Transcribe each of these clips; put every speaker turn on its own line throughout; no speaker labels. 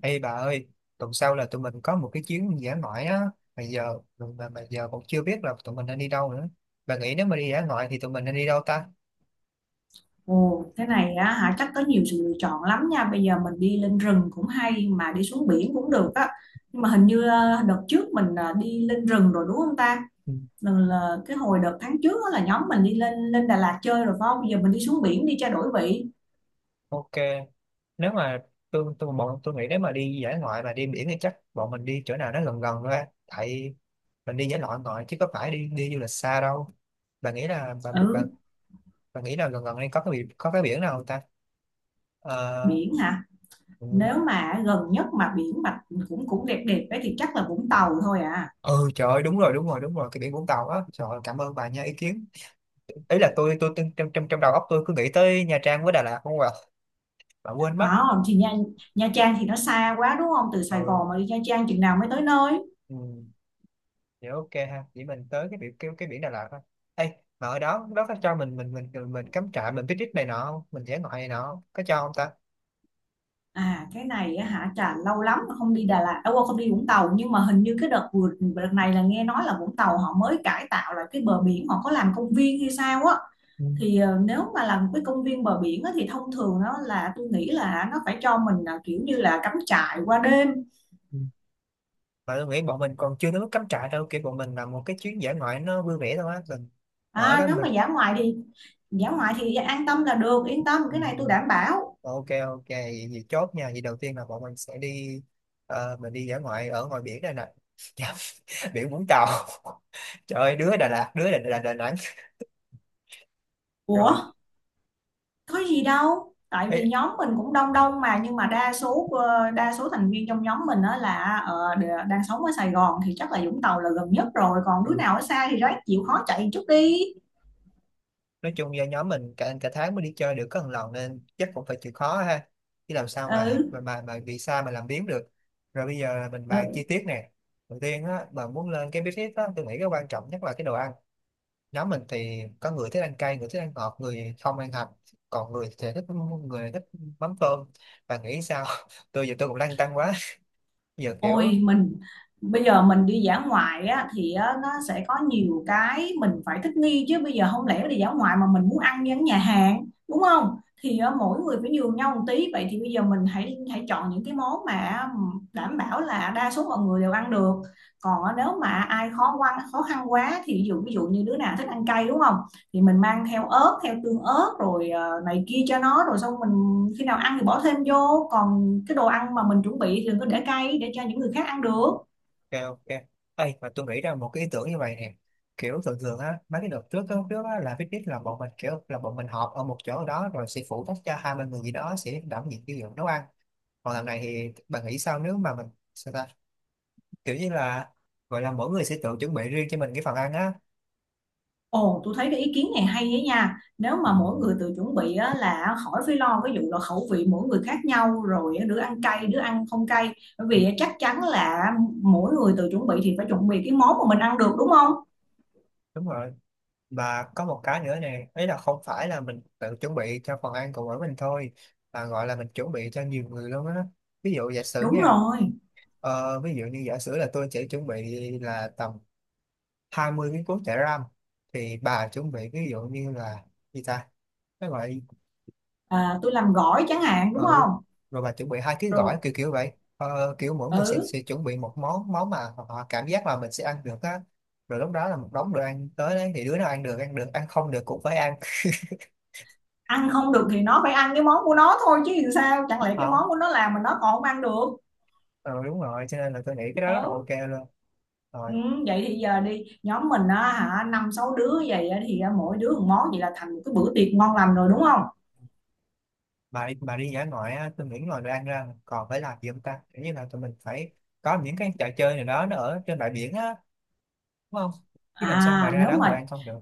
Ê bà ơi, tuần sau là tụi mình có một cái chuyến dã ngoại á, mà giờ mà giờ cũng chưa biết là tụi mình nên đi đâu nữa. Bà nghĩ nếu mà đi dã ngoại thì tụi mình nên đi đâu ta?
Ồ, thế này á hả chắc có nhiều sự lựa chọn lắm nha. Bây giờ mình đi lên rừng cũng hay mà đi xuống biển cũng được á. Nhưng mà hình như đợt trước mình đi lên rừng rồi đúng không ta?
Ừ.
Lần là cái hồi đợt tháng trước á là nhóm mình đi lên lên Đà Lạt chơi rồi phải không? Bây giờ mình đi xuống biển đi cho đổi vị.
Ok, nếu mà tôi bọn tôi nghĩ nếu mà đi dã ngoại mà đi biển thì chắc bọn mình đi chỗ nào nó gần gần ra, tại mình đi dã ngoại ngoại chứ có phải đi đi du lịch xa đâu. Bà nghĩ là bà,
Ừ,
bà nghĩ là gần gần đây có cái biển nào không ta? Ờ,
biển hả?
ừ,
Nếu mà gần nhất mà biển mà cũng cũng đẹp đẹp ấy thì chắc là Vũng Tàu thôi à.
ừ, trời ơi, đúng rồi, cái biển Vũng Tàu á. Trời ơi, cảm ơn bà nha. Ý kiến ý là tôi trong trong trong đầu óc tôi cứ nghĩ tới Nha Trang với Đà Lạt không à, mà quên mất.
Ờ, thì Nha Trang thì nó xa quá đúng không? Từ Sài
ừ,
Gòn mà đi Nha Trang chừng nào mới tới nơi?
ừ. Dạ, ok ha, chỉ mình tới cái biển cái biển Đà Lạt thôi. Ê, mà ở đó đó có cho mình cắm trại, mình picnic này nọ không, mình dã ngoại này nọ không? Có cho không ta?
À, cái này á hả Trà lâu lắm mà không đi Đà Lạt đâu không đi Vũng Tàu, nhưng mà hình như cái đợt vừa đợt này là nghe nói là Vũng Tàu họ mới cải tạo lại cái bờ biển, họ có làm công viên hay sao á,
Ừ,
thì nếu mà làm cái công viên bờ biển á, thì thông thường nó là tôi nghĩ là nó phải cho mình là kiểu như là cắm trại qua đêm.
ừ. Mà tôi nghĩ bọn mình còn chưa đến mức cắm trại đâu, kiểu bọn mình làm một cái chuyến dã ngoại nó vui vẻ thôi á, mình ở
À,
đó
nếu mà dã ngoại thì an tâm là được, yên tâm cái này tôi
mình.
đảm bảo.
Ok, ok, vậy thì chốt nha. Vậy đầu tiên là bọn mình sẽ đi, mình đi dã ngoại ở ngoài biển đây nè. Dạ, biển Vũng Tàu. Trời ơi, đứa Đà Lạt, đứa Đà Nẵng. Rồi.
Ủa có gì đâu, tại
Ê,
vì nhóm mình cũng đông đông mà, nhưng mà đa số đa số thành viên trong nhóm mình đó là đang sống ở Sài Gòn thì chắc là Vũng Tàu là gần nhất rồi, còn đứa
ừ,
nào ở xa thì ráng chịu khó chạy chút đi.
nói chung do nhóm mình cả cả tháng mới đi chơi được có một lần, nên chắc cũng phải chịu khó ha. Chứ làm sao
Ừ.
mà bị xa mà làm biếng được. Rồi bây giờ là mình bàn chi
Ừ.
tiết nè. Đầu tiên á, bạn muốn lên cái business á, tôi nghĩ cái quan trọng nhất là cái đồ ăn. Nhóm mình thì có người thích ăn cay, người thích ăn ngọt, người không ăn hạt, còn người thì thích, người thích mắm tôm, và nghĩ sao? Tôi giờ tôi cũng lăn tăn quá. Giờ kiểu,
Ôi mình bây giờ mình đi dã ngoại á, thì á, nó sẽ có nhiều cái mình phải thích nghi chứ, bây giờ không lẽ đi dã ngoại mà mình muốn ăn như ở nhà hàng đúng không? Thì á, mỗi người phải nhường nhau một tí, vậy thì bây giờ mình hãy hãy chọn những cái món mà đảm bảo là đa số mọi người đều ăn được. Còn á, nếu mà ai khó khăn quá thì ví dụ, như đứa nào thích ăn cay đúng không? Thì mình mang theo ớt, theo tương ớt rồi này kia cho nó, rồi xong mình khi nào ăn thì bỏ thêm vô, còn cái đồ ăn mà mình chuẩn bị thì đừng có để cay, để cho những người khác ăn được.
kêu ok. Ê mà tôi nghĩ ra một cái ý tưởng như vậy nè. Kiểu thường thường á, mấy cái đợt trước á, là picnic là bọn mình kiểu là bọn mình họp ở một chỗ ở đó, rồi sẽ phụ trách cho hai ba người gì đó sẽ đảm nhiệm cái việc nấu ăn. Còn làm này thì bạn nghĩ sao nếu mà mình, sao ta, kiểu như là gọi là mỗi người sẽ tự chuẩn bị riêng cho mình cái phần ăn á.
Ồ, tôi thấy cái ý kiến này hay ấy nha, nếu mà mỗi người tự chuẩn bị á, là khỏi phải lo cái vụ là khẩu vị mỗi người khác nhau, rồi đứa ăn cay đứa ăn không cay, bởi vì chắc chắn là mỗi người tự chuẩn bị thì phải chuẩn bị cái món mà mình ăn được đúng không?
Đúng rồi. Và có một cái nữa nè, ấy là không phải là mình tự chuẩn bị cho phần ăn của mỗi mình thôi, mà gọi là mình chuẩn bị cho nhiều người luôn á. Ví dụ giả sử
Đúng
nha,
rồi.
ví dụ như giả sử là tôi sẽ chuẩn bị là tầm 20 miếng cuốn chả ram, thì bà chuẩn bị ví dụ như là gì ta, cái gọi,
À, tôi làm gỏi chẳng hạn đúng
ừ,
không?
rồi bà chuẩn bị 2 ký gỏi
Rồi.
kiểu kiểu vậy. Ờ, kiểu mỗi người
Ừ.
sẽ chuẩn bị một món, món mà họ cảm giác là mình sẽ ăn được á. Rồi lúc đó là một đống đồ ăn tới đấy thì đứa nào ăn được ăn được, ăn không được cũng phải ăn.
Ăn không được thì nó phải ăn cái món của nó thôi chứ, làm sao chẳng lẽ cái món
Không.
của nó làm mà nó còn không ăn được.
Ừ đúng rồi, cho nên là tôi nghĩ cái đó rất là
Đó.
ok luôn. Rồi
Ừ, vậy thì giờ đi nhóm mình á hả năm sáu đứa vậy á, thì mỗi đứa một món vậy là thành một cái bữa tiệc ngon lành rồi đúng không?
bà đi, bà đi dã ngoại á, tôi nghĩ ngoài đồ ăn ra còn phải làm gì không ta, kiểu như là tụi mình phải có những cái trò chơi nào đó nó ở trên bãi biển á, đúng không? Chứ làm sao mà
À,
ra
nếu
đó ngồi
mà
ăn không được.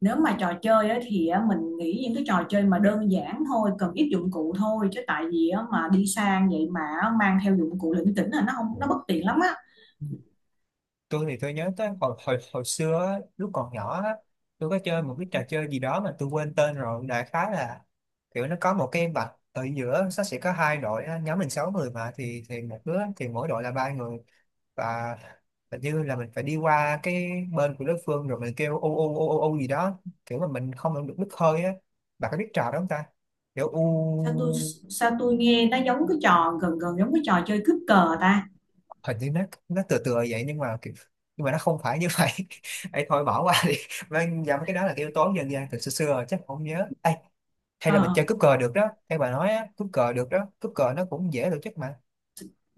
trò chơi á, thì á, mình nghĩ những cái trò chơi mà đơn giản thôi, cần ít dụng cụ thôi, chứ tại vì á, mà đi sang vậy mà á, mang theo dụng cụ lỉnh kỉnh là nó không, nó bất tiện lắm á.
Ừ. Tôi thì tôi nhớ tới hồi hồi hồi xưa á, lúc còn nhỏ á, tôi có chơi một cái trò chơi gì đó mà tôi quên tên rồi, đại khái là kiểu nó có một cái vạch ở giữa, nó sẽ có hai đội á, nhóm mình sáu người mà thì, một đứa thì mỗi đội là ba người, và hình như là mình phải đi qua cái bên của đối phương rồi mình kêu u u u u u gì đó, kiểu mà mình không làm được đứt hơi á, bạn có biết trò đó không ta, kiểu
sao tôi
u.
sao tôi nghe nó giống cái trò gần gần giống cái trò chơi cướp cờ ta.
Hình như nó tựa tựa vậy nhưng mà kiểu, nhưng mà nó không phải như vậy. Ấy thôi bỏ qua đi. Vâng, dạ, cái đó là cái yếu tố dân gian từ xưa xưa rồi, chắc không nhớ. Ê, hay là mình
Ờ,
chơi cúp cờ được đó, hay bà nói á cúp cờ được đó, cúp cờ nó cũng dễ tổ chức mà.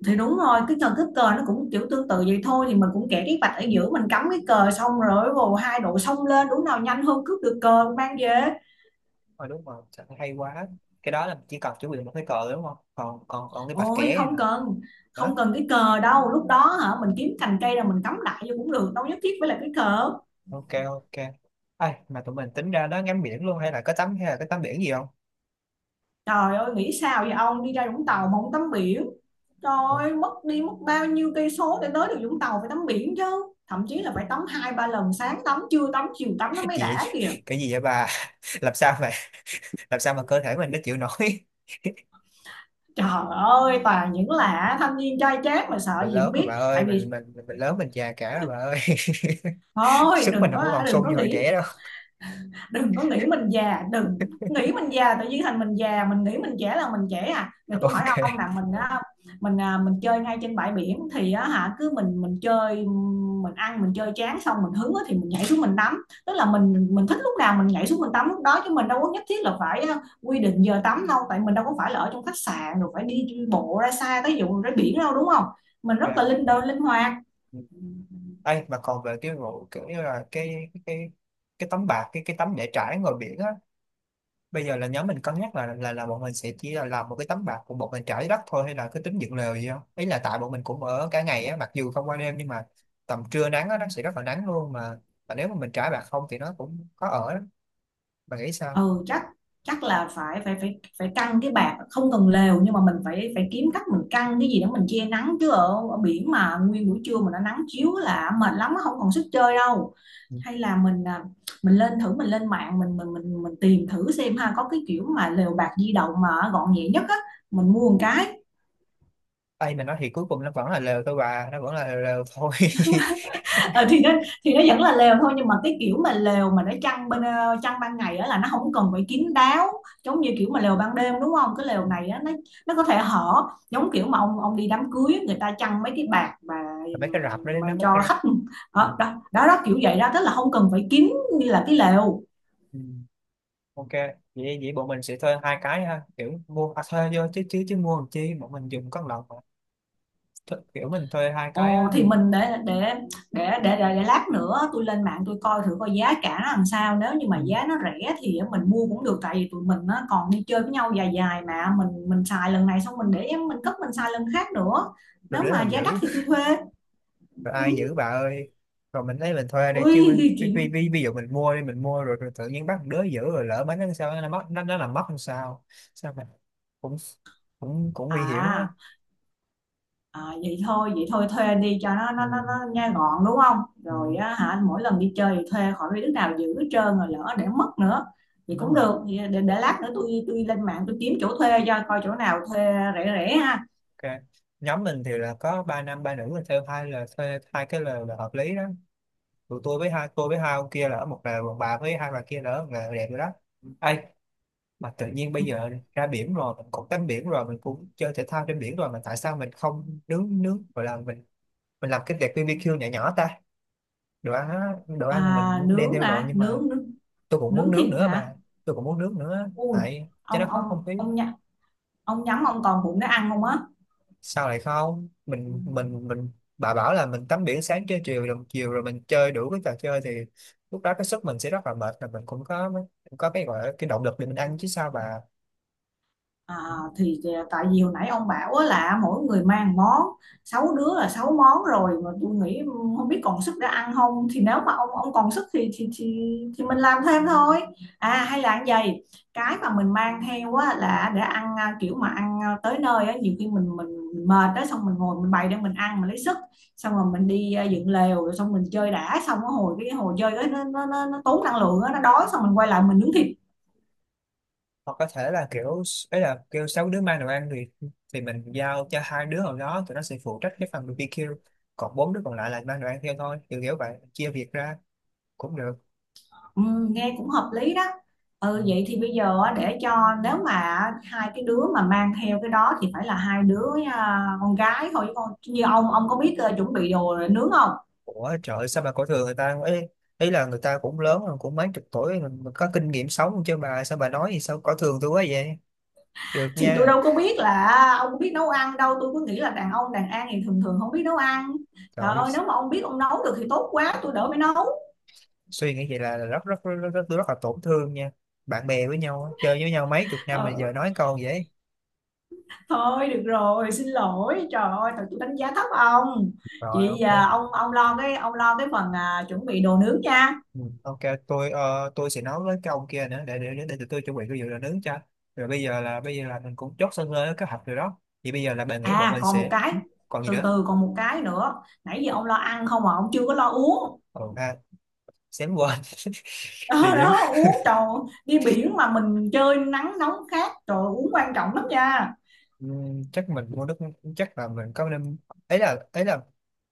thì đúng rồi, cái trò cướp cờ nó cũng kiểu tương tự vậy thôi, thì mình cũng kẻ cái vạch ở giữa, mình cắm cái cờ, xong rồi vồ hai đội xông lên, đúng nào nhanh hơn cướp được cờ mang về.
Ờ đúng rồi, sao hay quá. Cái đó là chỉ cần chuẩn bị một cái cờ đúng không, còn còn còn cái bạch
Ôi
kẻ
không
nữa.
cần
Hả?
không cần cái cờ đâu, lúc đó hả mình kiếm cành cây rồi mình cắm lại vô cũng được, đâu nhất thiết phải là cái cờ.
Ok, ok, ai mà tụi mình tính ra đó ngắm biển luôn hay là có tắm hay là có tắm biển gì không?
Trời ơi nghĩ sao vậy ông, đi ra Vũng Tàu mà không tắm biển, trời ơi, mất đi mất bao nhiêu cây số để tới được Vũng Tàu, phải tắm biển chứ, thậm chí là phải tắm hai ba lần, sáng tắm trưa tắm chiều tắm nó mới
Gì vậy?
đã kìa.
Cái gì vậy bà? làm sao mà làm sao mà cơ thể mình nó chịu nổi.
Trời ơi toàn những là thanh niên trai chát mà sợ
Mình
gì không
lớn rồi bà
biết,
ơi,
tại vì
mình lớn, mình già cả rồi bà ơi.
thôi
Sức mình
đừng
không có
có
còn
đừng
sung
có
như hồi
nghĩ,
trẻ đâu.
đừng có nghĩ mình già, đừng nghĩ mình già tự nhiên thành mình già, mình nghĩ mình trẻ là mình trẻ, à rồi tôi hỏi ông
Ok,
là mình á, mình chơi ngay trên bãi biển thì á hả cứ mình chơi, mình ăn, mình chơi chán xong mình hứng á thì mình nhảy xuống mình tắm, tức là mình thích lúc nào mình nhảy xuống mình tắm lúc đó, chứ mình đâu có nhất thiết là phải quy định giờ tắm đâu, tại mình đâu có phải là ở trong khách sạn rồi phải đi bộ ra xa tới vụ ra biển đâu đúng không? Mình rất là
ok ok
linh hoạt.
Ừ. Ấy mà còn về cái vụ kiểu như là cái tấm bạc, cái tấm để trải ngoài biển á, bây giờ là nhóm mình cân nhắc là bọn mình sẽ chỉ là làm một cái tấm bạt của bọn mình trải đất thôi, hay là cứ tính dựng lều gì không, ý là tại bọn mình cũng ở cả ngày á, mặc dù không qua đêm nhưng mà tầm trưa nắng á nó sẽ rất là nắng luôn mà, và nếu mà mình trải bạt không thì nó cũng khó ở lắm. Bà nghĩ sao?
Ừ, chắc chắc là phải phải phải phải căng cái bạt, không cần lều, nhưng mà mình phải phải kiếm cách mình căng cái gì để mình che nắng chứ, ở, ở biển mà nguyên buổi trưa mà nó nắng chiếu là mệt lắm, không còn sức chơi đâu.
Ừ.
Hay là mình à, mình lên thử mình lên mạng mình tìm thử xem ha, có cái kiểu mà lều bạt di động mà gọn nhẹ nhất á, mình mua một cái.
Ây mà nói thì cuối cùng nó vẫn là lều thôi bà, nó vẫn là lều thôi.
Ờ, thì nó vẫn là lều thôi, nhưng mà cái kiểu mà lều mà nó chăn ban ngày á là nó không cần phải kín đáo giống như kiểu mà lều ban đêm đúng không, cái lều
Ừ.
này á nó có thể hở, giống kiểu mà ông đi đám cưới á, người ta chăn mấy cái bạt
Mà mấy cái rạp đó đến
mà
đó mất
cho
cái,
khách.
ừ.
Ờ, đó, đó đó kiểu vậy đó, tức là không cần phải kín như là cái lều.
Ừ. Ok, vậy vậy bọn mình sẽ thuê hai cái ha, kiểu mua à, thuê vô chứ chứ chứ mua làm chi, bọn mình dùng có lộc mà. Thu- kiểu mình thuê hai cái á.
Ồ, thì mình để lát nữa tôi lên mạng tôi coi thử coi giá cả nó làm sao, nếu như mà
Ừ.
giá nó rẻ thì mình mua cũng được, tại vì tụi mình nó còn đi chơi với nhau dài dài mà, mình xài lần này xong mình để em mình cất, mình xài lần khác nữa,
Rồi
nếu
đứa
mà
nào giữ,
giá đắt thì tôi thuê.
rồi
Ừ.
ai giữ bà ơi, rồi mình lấy mình thuê đây
Ui
chứ mình,
thì chuyện
ví dụ mình mua đi, mình mua rồi, rồi tự nhiên bắt một đứa giữ rồi lỡ mấy nó sao nó mất, nó làm mất làm sao, sao mà cũng cũng cũng nguy hiểm lắm á.
à. À, vậy thôi thuê đi, cho
Ừ,
nó nghe gọn đúng không, rồi
ừ,
á, hả mỗi lần đi chơi thì thuê, khỏi biết đứa nào giữ hết trơn rồi lỡ để mất nữa thì
đúng
cũng
rồi,
được. Vậy để lát nữa tôi lên mạng tôi kiếm chỗ thuê, cho coi chỗ nào thuê rẻ rẻ ha.
ok. Nhóm mình thì là có ba nam ba nữ, là thuê hai, là thuê hai cái lều là hợp lý đó. Tụi tôi với hai, tôi với hai ông kia là ở một lều, còn bà với hai bà kia là ở một lều, đẹp rồi đó. Ê, mà tự nhiên bây giờ ra biển rồi mình cũng tắm biển rồi mình cũng chơi thể thao trên biển rồi, mà tại sao mình không nướng nướng, gọi là mình làm cái đẹp BBQ nhỏ nhỏ ta. Đồ ăn á, đồ ăn là mình
À,
đem
nướng
theo rồi nhưng mà tôi cũng muốn
nướng
nướng
thịt
nữa
hả?
bà, tôi cũng muốn nướng nữa
Ui
tại cho nó
ông
khó
ông
không khí.
ông nhắm, ông còn bụng để ăn không á?
Sao lại không, mình bà bảo là mình tắm biển sáng chơi chiều rồi mình chơi đủ cái trò chơi thì lúc đó cái sức mình sẽ rất là mệt, là mình cũng có cái gọi là cái động lực để mình ăn chứ sao bà.
À, thì tại vì hồi nãy ông bảo á là mỗi người mang món, sáu đứa là sáu món rồi mà, tôi nghĩ ừ, không biết còn sức để ăn không, thì nếu mà ông còn sức thì mình làm thêm thôi. À, hay là như vậy, cái mà mình mang theo á là để ăn à, kiểu mà ăn tới nơi á nhiều khi mình mệt đó xong mình ngồi mình bày để mình ăn mình lấy sức, xong rồi mình đi dựng lều, rồi xong mình chơi đã, xong cái hồi chơi đó, nó tốn năng lượng á, nó đói xong mình quay lại mình nướng thịt.
Hoặc có thể là kiểu, ấy là kêu sáu đứa mang đồ ăn thì mình giao cho hai đứa nào đó, tụi nó sẽ phụ trách cái phần BBQ, còn bốn đứa còn lại là mang đồ ăn theo thôi, kiểu kiểu vậy, chia việc ra cũng được.
Ừ, nghe cũng hợp lý đó.
Ừ.
Ừ, vậy thì bây giờ á, để cho nếu mà hai cái đứa mà mang theo cái đó thì phải là hai đứa con gái thôi, chứ con như ông có biết chuẩn bị đồ nướng không,
Ủa trời ơi, sao bà cổ thường người ta, ấy ấy là người ta cũng lớn rồi, cũng mấy chục tuổi rồi, mà có kinh nghiệm sống không chứ bà, sao bà nói gì sao cổ thường tôi quá vậy, được
thì tôi
nha.
đâu có biết là ông biết nấu ăn đâu, tôi cứ nghĩ là đàn ông đàn an thì thường thường không biết nấu ăn.
Trời
Trời
ơi,
ơi nếu mà ông biết ông nấu được thì tốt quá, tôi đỡ phải nấu.
suy nghĩ vậy là rất rất rất rất, rất, tôi rất là tổn thương nha, bạn bè với nhau á, chơi với nhau mấy chục năm mà giờ
Ừ.
nói câu vậy.
Thôi được rồi xin lỗi, trời ơi thật tôi đánh giá thấp ông.
Rồi
Chị
ok.
à, ông lo cái phần chuẩn bị đồ nướng nha.
Ừ, ok, tôi tôi sẽ nói với cái ông kia nữa để tụi tôi chuẩn bị cái vụ đồ nướng cho. Rồi bây giờ là mình cũng chốt sân lên kế hoạch rồi đó. Thì bây giờ là bạn nghĩ bọn
À,
mình
còn một
sẽ
cái,
còn gì
từ
nữa?
từ, còn một cái nữa, nãy giờ ông lo ăn không mà ông chưa có lo uống.
Ừ, à, xém quên. Địa
Đó
điểm.
đó uống, trời ơi, đi biển mà mình chơi nắng nóng khác, trời ơi, uống quan trọng lắm nha.
Ừ, chắc mình mua nước, chắc là mình có nên, ấy là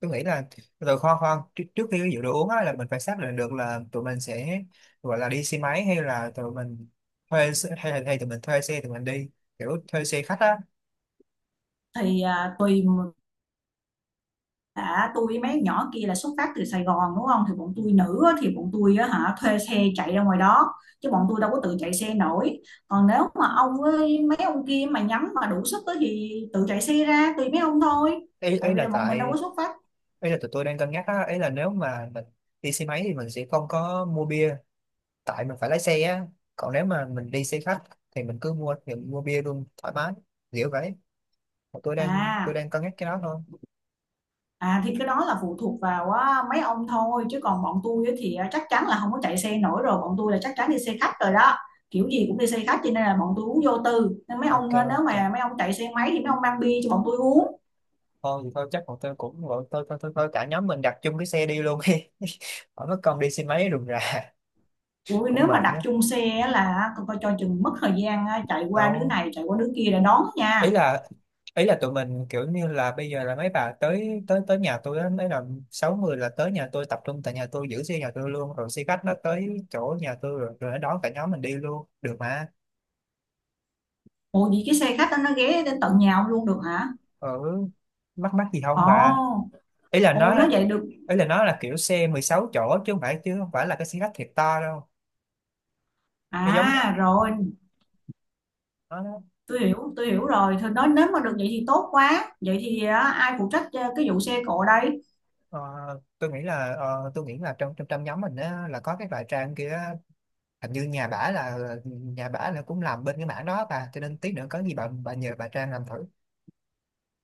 tôi nghĩ là, rồi khoan khoan trước khi cái vụ đồ uống á là mình phải xác định được là tụi mình sẽ gọi là đi xe máy hay là tụi mình hay là hay tụi mình thuê xe tụi mình đi, kiểu thuê xe khách á.
Thì tùy đã, tôi với mấy nhỏ kia là xuất phát từ Sài Gòn đúng không, thì bọn tôi nữ á, thì bọn tôi á hả thuê xe chạy ra ngoài đó, chứ bọn tôi đâu có tự chạy xe nổi, còn nếu mà ông với mấy ông kia mà nhắm mà đủ sức á thì tự chạy xe ra tùy mấy ông thôi, tại
Ý
vì
là
là bọn mình đâu
tại,
có xuất phát
ý là tụi tôi đang cân nhắc á, ấy là nếu mà mình đi xe máy thì mình sẽ không có mua bia, tại mình phải lái xe á. Còn nếu mà mình đi xe khách thì mình cứ mua thì mua bia luôn thoải mái, kiểu vậy. Mà tôi
à.
đang cân nhắc cái đó thôi.
À, thì cái đó là phụ thuộc vào á, mấy ông thôi, chứ còn bọn tôi á thì á, chắc chắn là không có chạy xe nổi rồi, bọn tôi là chắc chắn đi xe khách rồi đó, kiểu gì cũng đi xe khách, cho nên là bọn tôi uống vô tư, nên mấy
Ok,
ông á, nếu
ok.
mà mấy ông chạy xe máy thì mấy ông mang bia cho bọn tôi uống.
Thôi thì thôi chắc bọn tôi cũng gọi tôi thôi thôi thôi cả nhóm mình đặt chung cái xe đi luôn đi. Khỏi mất công đi xe máy rườm rà,
Ui,
cũng
nếu mà
mệt
đặt
nữa.
chung xe á là coi coi cho chừng mất thời gian á, chạy qua đứa
Đâu,
này chạy qua đứa kia để đón
ý
nha.
là ý là tụi mình kiểu như là bây giờ là mấy bà tới tới tới nhà tôi á, mấy là 60 là tới nhà tôi, tập trung tại nhà tôi, giữ xe nhà tôi luôn, rồi xe khách nó tới chỗ nhà tôi rồi, nó đón cả nhóm mình đi luôn được mà.
Ủa vậy cái xe khách đó nó ghé đến tận nhà ông luôn được hả?
Ở, mắc mắc gì không
Ồ,
bà, ý là
ồ
nó
nói vậy được
ý là nó là kiểu xe 16 chỗ, chứ không phải là cái xe khách thiệt to đâu, nó giống,
à, rồi
nó nó-.
tôi hiểu rồi, thôi nói nếu mà được vậy thì tốt quá, vậy thì á, ai phụ trách cái vụ xe cộ đây?
Ờ, tôi nghĩ là tôi nghĩ là trong trong trong nhóm mình á là có cái loại Trang kia, hình như nhà bả là cũng làm bên cái mảng đó bà, cho nên tí nữa có gì bà nhờ bà Trang làm thử.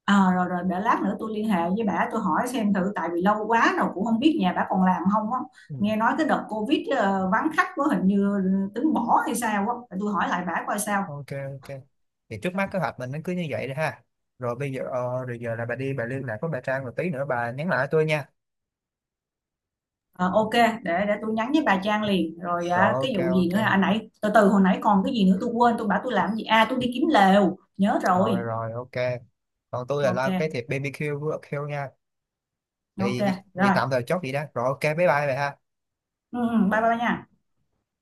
À, rồi rồi, để lát nữa tôi liên hệ với bà tôi hỏi xem thử, tại vì lâu quá rồi cũng không biết nhà bà còn làm không á,
Ừ.
nghe nói cái đợt covid vắng khách quá, hình như tính bỏ hay sao á. Để tôi hỏi lại bà coi sao.
Ok, ok, thì trước mắt kế hoạch mình nó cứ như vậy đi ha. Rồi bây giờ rồi giờ là bà đi bà liên lạc với bà Trang rồi tí nữa bà nhắn lại tôi nha.
Ờ, ok để tôi nhắn với bà Trang liền, rồi
Rồi
cái
ok,
vụ
ok,
gì nữa hả? À nãy từ từ hồi nãy còn cái gì nữa, tôi quên tôi bảo tôi làm gì, à tôi đi kiếm lều nhớ
rồi
rồi.
rồi ok. Còn tôi là
Ok,
lo cái thiệp BBQ với Q nha.
ok,
Thì vậy
rồi.
tạm thời chốt vậy đó, rồi ok, bye bye bà ha.
Ừ, ừ, bye bye nha.